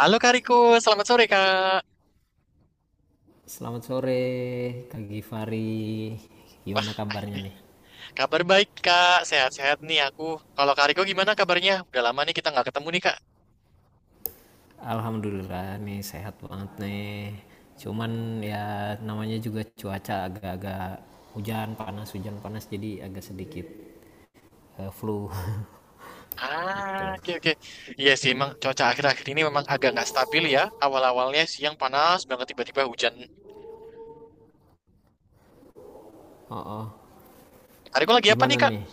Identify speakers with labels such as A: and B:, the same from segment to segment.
A: Halo Kak Riko, selamat sore Kak.
B: Selamat sore Kak Givari.
A: Wah,
B: Gimana kabarnya
A: ini
B: nih?
A: kabar baik Kak, sehat-sehat nih aku. Kalau Kak Riko gimana kabarnya? Udah lama nih kita nggak ketemu nih Kak.
B: Alhamdulillah nih sehat banget nih. Cuman ya namanya juga cuaca agak-agak hujan panas jadi agak sedikit flu
A: Ah,
B: gitu.
A: oke oke. Iya sih, emang cuaca akhir-akhir ini memang agak nggak stabil ya. Awal-awalnya siang panas banget, tiba-tiba hujan.
B: Oh, oh.
A: Kak Riko lagi apa nih
B: Gimana
A: Kak?
B: nih?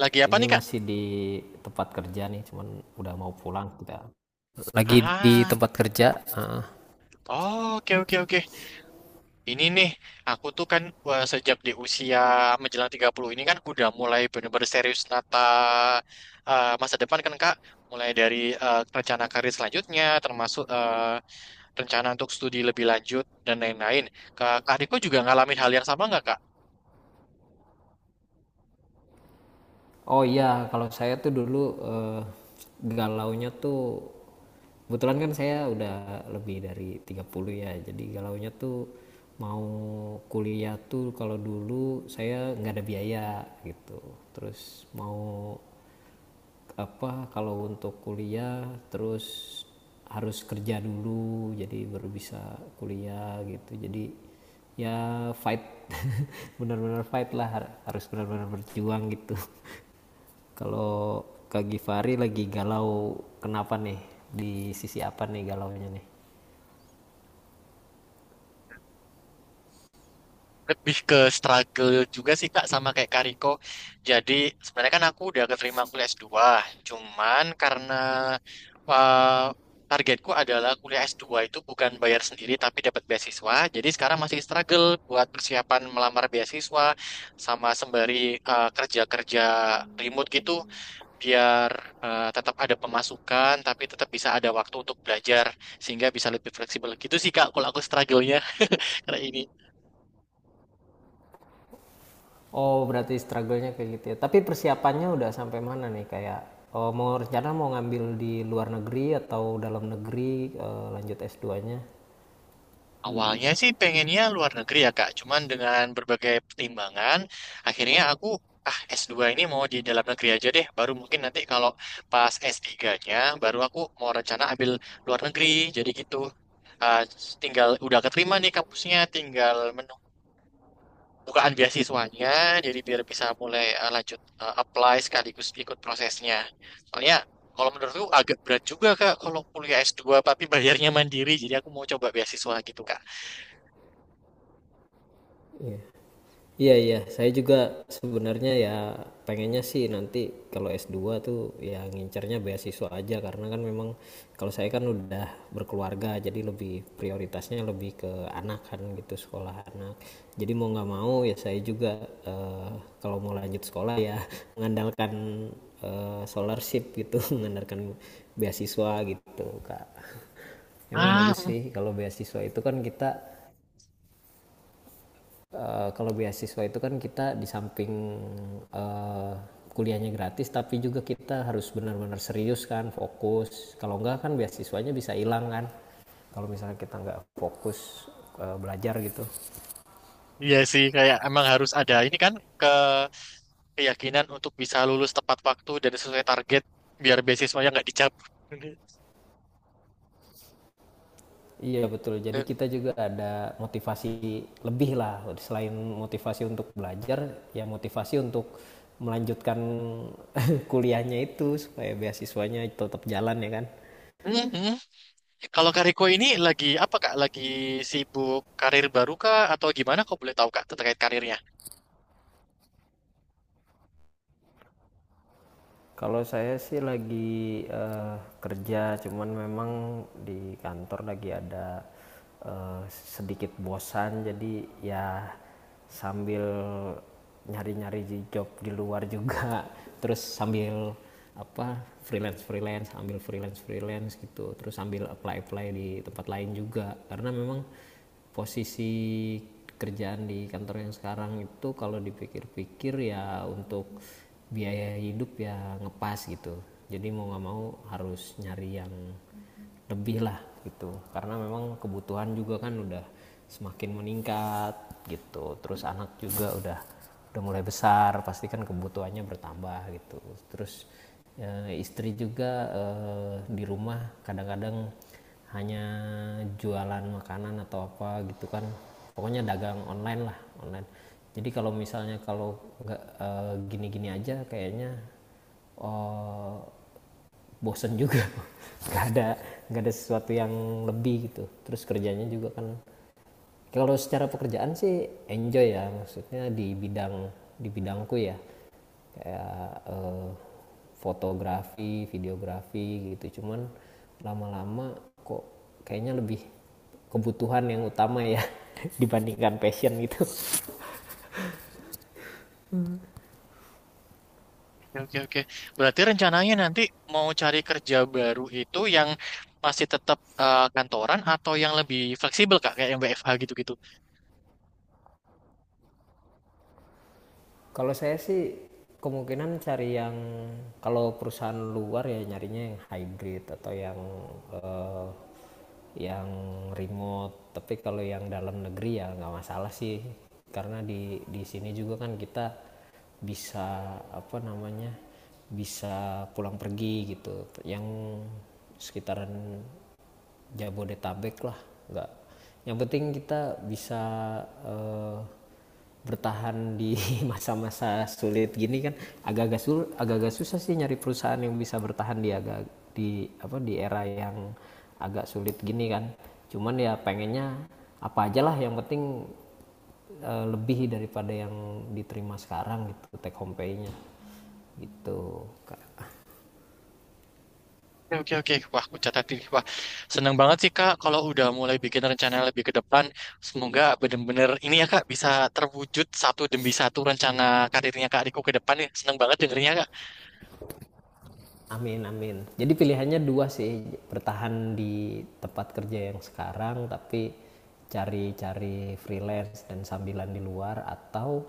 A: Lagi apa
B: Ini
A: nih Kak?
B: masih di tempat kerja nih, cuman udah mau pulang kita. Lagi di
A: Ah,
B: tempat kerja.
A: oh, oke oke oke. Ini nih, aku tuh kan wah, sejak di usia menjelang 30 ini kan udah mulai bener-bener serius nata masa depan kan Kak. Mulai dari rencana karir selanjutnya, termasuk rencana untuk studi lebih lanjut, dan lain-lain. Kak, adikku juga ngalamin hal yang sama nggak Kak?
B: Oh iya, kalau saya tuh dulu galaunya tuh kebetulan kan saya udah lebih dari 30 ya. Jadi galaunya tuh mau kuliah tuh kalau dulu saya nggak ada biaya gitu. Terus mau apa kalau untuk kuliah terus harus kerja dulu jadi baru bisa kuliah gitu jadi ya fight benar-benar fight lah, harus benar-benar berjuang gitu. Kalau Kak Givari lagi galau kenapa nih, di sisi apa nih galaunya nih?
A: Lebih ke struggle juga sih Kak sama kayak Kariko. Jadi sebenarnya kan aku udah keterima kuliah S2, cuman karena uh, targetku adalah kuliah S2 itu bukan bayar sendiri tapi dapat beasiswa. Jadi sekarang masih struggle buat persiapan melamar beasiswa sama sembari kerja-kerja remote gitu biar tetap ada pemasukan tapi tetap bisa ada waktu untuk belajar sehingga bisa lebih fleksibel. Gitu sih Kak kalau aku struggle-nya karena ini.
B: Oh, berarti struggle-nya kayak gitu ya, tapi persiapannya udah sampai mana nih? Kayak oh, mau rencana mau ngambil di luar negeri atau dalam negeri, lanjut S2-nya.
A: Awalnya sih pengennya luar negeri ya Kak, cuman dengan berbagai pertimbangan, akhirnya aku S2 ini mau di dalam negeri aja deh, baru mungkin nanti kalau pas S3-nya baru aku mau rencana ambil luar negeri, jadi gitu. Ah, tinggal udah keterima nih kampusnya, tinggal menunggu bukaan beasiswanya, jadi biar bisa mulai lanjut apply sekaligus ikut prosesnya. Soalnya kalau menurutku agak berat juga Kak kalau kuliah S2, tapi bayarnya mandiri, jadi aku mau coba beasiswa gitu Kak.
B: Iya. Iya iya, saya juga sebenarnya ya pengennya sih nanti kalau S2 tuh ya ngincernya beasiswa aja, karena kan memang kalau saya kan udah berkeluarga jadi lebih prioritasnya lebih ke anak kan, gitu, sekolah anak. Jadi mau nggak mau ya saya juga eh, kalau mau lanjut sekolah ya mengandalkan scholarship gitu, mengandalkan beasiswa gitu, Kak. Emang bagus
A: Ah,
B: sih kalau beasiswa itu kan kita. Kalau beasiswa itu kan kita di samping eh, kuliahnya gratis, tapi juga kita harus benar-benar serius kan, fokus. Kalau enggak kan beasiswanya bisa hilang kan. Kalau misalnya kita nggak fokus belajar gitu.
A: iya sih, kayak emang harus ada ini kan ke keyakinan untuk bisa lulus tepat waktu dan sesuai target biar beasiswanya nggak dicabut.
B: Iya betul. Jadi kita juga ada motivasi lebih lah. Selain motivasi untuk belajar, ya motivasi untuk melanjutkan kuliahnya itu supaya beasiswanya tetap jalan ya kan.
A: Mhm. Kalau Kariko ini lagi apa Kak? Lagi sibuk karir baru Kak atau gimana? Kok boleh tahu Kak terkait karirnya?
B: Kalau saya sih lagi kerja, cuman memang di kantor lagi ada sedikit bosan, jadi ya sambil nyari-nyari job di luar juga, terus sambil apa freelance freelance, ambil freelance freelance gitu, terus sambil apply apply di tempat lain juga, karena memang posisi kerjaan di kantor yang sekarang itu kalau dipikir-pikir ya untuk biaya hidup ya ngepas gitu, jadi mau nggak mau harus nyari yang lebih lah gitu, karena memang kebutuhan juga kan udah semakin meningkat gitu, terus anak juga udah mulai besar, pasti kan kebutuhannya bertambah gitu, terus istri juga di rumah kadang-kadang hanya jualan makanan atau apa gitu kan, pokoknya dagang online lah, online, jadi kalau misalnya kalau nggak gini-gini aja kayaknya eh, bosen juga, nggak ada, nggak ada sesuatu yang lebih gitu, terus kerjanya juga kan kalau secara pekerjaan sih enjoy ya, maksudnya di bidang di bidangku ya, kayak fotografi, videografi gitu. Cuman lama-lama kok kayaknya lebih kebutuhan yang utama ya, dibandingkan passion gitu.
A: Oke, oke, oke. Berarti rencananya nanti mau cari kerja baru itu yang masih tetap kantoran atau yang lebih fleksibel Kak, kayak yang WFH gitu-gitu.
B: Kalau saya sih kemungkinan cari yang, kalau perusahaan luar ya nyarinya yang hybrid atau eh, yang remote. Tapi kalau yang dalam negeri ya nggak masalah sih, karena di sini juga kan kita bisa apa namanya bisa pulang pergi gitu. Yang sekitaran Jabodetabek lah, nggak, yang penting kita bisa eh, bertahan di masa-masa sulit gini kan, agak-agak susah sih nyari perusahaan yang bisa bertahan di di apa di era yang agak sulit gini kan, cuman ya pengennya apa aja lah yang penting lebih daripada yang diterima sekarang gitu, take home pay-nya gitu.
A: Oke, oke, oke. Wah, aku catat ini. Wah, seneng banget sih, Kak. Kalau udah mulai bikin rencana lebih ke depan, semoga bener-bener ini ya, Kak, bisa terwujud satu demi satu rencana karirnya Kak Riko ke depan ya. Seneng banget dengernya, Kak.
B: Amin amin. Jadi pilihannya dua sih, bertahan di tempat kerja yang sekarang tapi cari-cari freelance dan sambilan di luar, atau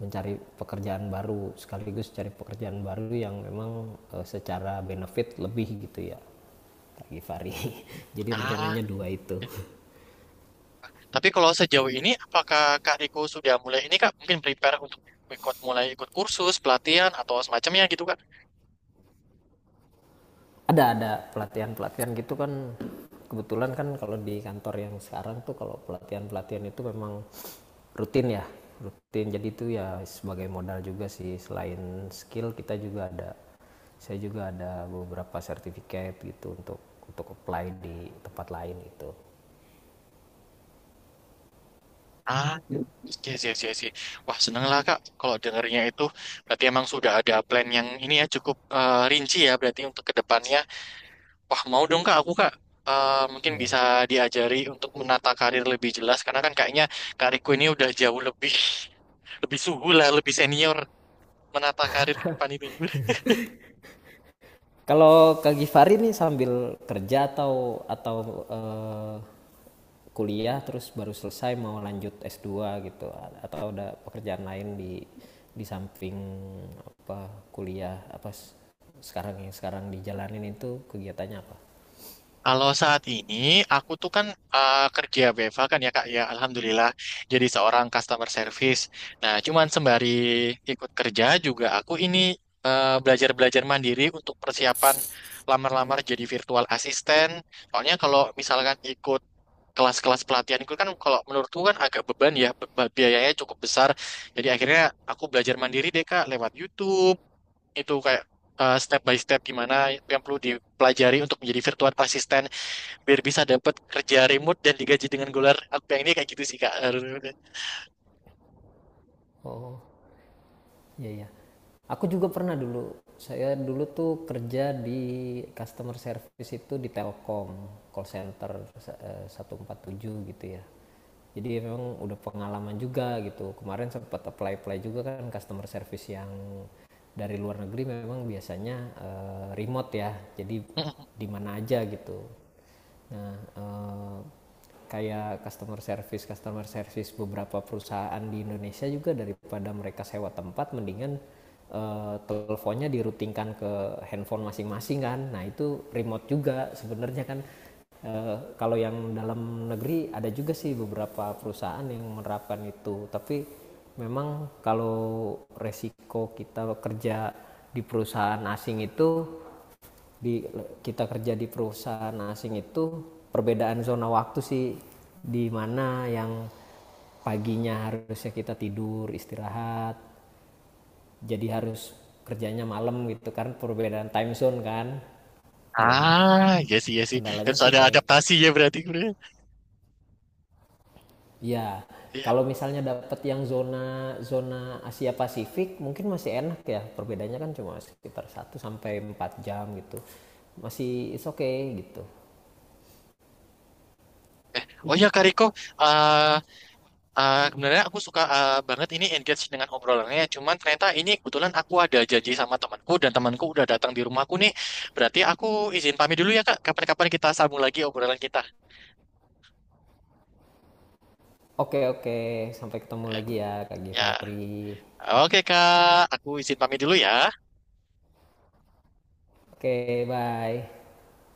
B: mencari pekerjaan baru, sekaligus cari pekerjaan baru yang memang secara benefit lebih gitu ya. Kak Gifari. Jadi
A: Ah,
B: rencananya dua itu.
A: oke. Tapi kalau sejauh ini, apakah Kak Riko sudah mulai ini, Kak? Mungkin prepare untuk ikut mulai ikut kursus, pelatihan, atau semacamnya gitu, Kak?
B: Ada pelatihan pelatihan gitu kan, kebetulan kan kalau di kantor yang sekarang tuh kalau pelatihan pelatihan itu memang rutin ya, rutin, jadi itu ya sebagai modal juga sih, selain skill kita juga ada, saya juga ada beberapa sertifikat gitu untuk apply di tempat lain gitu
A: Ah, iya, iya, iya, iya. Wah, seneng lah, Kak. Kalau dengernya itu, berarti emang sudah ada plan yang ini ya, cukup rinci ya, berarti untuk ke depannya. Wah, mau dong Kak, aku Kak mungkin
B: ya.
A: bisa diajari untuk menata karir lebih jelas karena kan kayaknya karirku ini udah jauh lebih lebih suhu lah, lebih senior menata karir ke depan ini.
B: Kalau Kak Gifari nih sambil kerja atau eh, kuliah, terus baru selesai mau lanjut S2 gitu, atau ada pekerjaan lain di samping apa, kuliah apa, sekarang yang sekarang dijalanin itu kegiatannya apa?
A: Kalau saat ini aku tuh kan kerja BFA kan ya Kak ya, alhamdulillah jadi seorang customer service. Nah, cuman sembari ikut kerja juga aku ini belajar-belajar mandiri untuk persiapan lamar-lamar jadi virtual assistant. Soalnya kalau misalkan ikut kelas-kelas pelatihan itu kan kalau menurutku kan agak beban ya biayanya cukup besar jadi akhirnya aku belajar mandiri deh Kak lewat YouTube itu kayak step by step gimana yang perlu dipelajari untuk menjadi virtual assistant biar bisa dapat kerja remote dan digaji dengan dolar aku yang ini kayak gitu sih Kak.
B: Oh. Iya, iya. Aku juga pernah dulu. Saya dulu tuh kerja di customer service itu di Telkom, call center 147 gitu ya. Jadi memang udah pengalaman juga gitu. Kemarin sempat apply-apply juga kan, customer service yang dari luar negeri memang biasanya remote ya. Jadi di mana aja gitu. Nah, eh, kayak customer service beberapa perusahaan di Indonesia juga, daripada mereka sewa tempat, mendingan teleponnya dirutingkan ke handphone masing-masing kan. Nah itu remote juga sebenarnya kan. Kalau yang dalam negeri ada juga sih beberapa perusahaan yang menerapkan itu, tapi memang kalau resiko kita kerja di perusahaan asing itu, di kita kerja di perusahaan asing itu perbedaan zona waktu sih, di mana yang paginya harusnya kita tidur istirahat jadi harus kerjanya malam gitu kan, perbedaan time zone kan. Tuh
A: Ah, iya sih, iya sih,
B: kendalanya
A: harus
B: sih
A: ada
B: paling itu
A: adaptasi ya berarti.
B: ya,
A: Iya.
B: kalau misalnya dapat yang zona zona Asia Pasifik mungkin masih enak ya, perbedaannya kan cuma sekitar 1 sampai 4 jam gitu, masih is okay gitu.
A: Oh ya Kak Riko, eh, sebenarnya aku suka banget ini engage dengan obrolannya. Cuman ternyata ini kebetulan aku ada janji sama temanku dan temanku udah datang di rumahku nih. Berarti aku izin pamit dulu ya Kak. Kapan-kapan kita sambung lagi obrolan kita.
B: Oke, oke. Sampai ketemu
A: Eh,
B: lagi ya, Kak
A: Ya,
B: Givari.
A: oke Kak. Aku izin pamit dulu ya.
B: Oke, bye.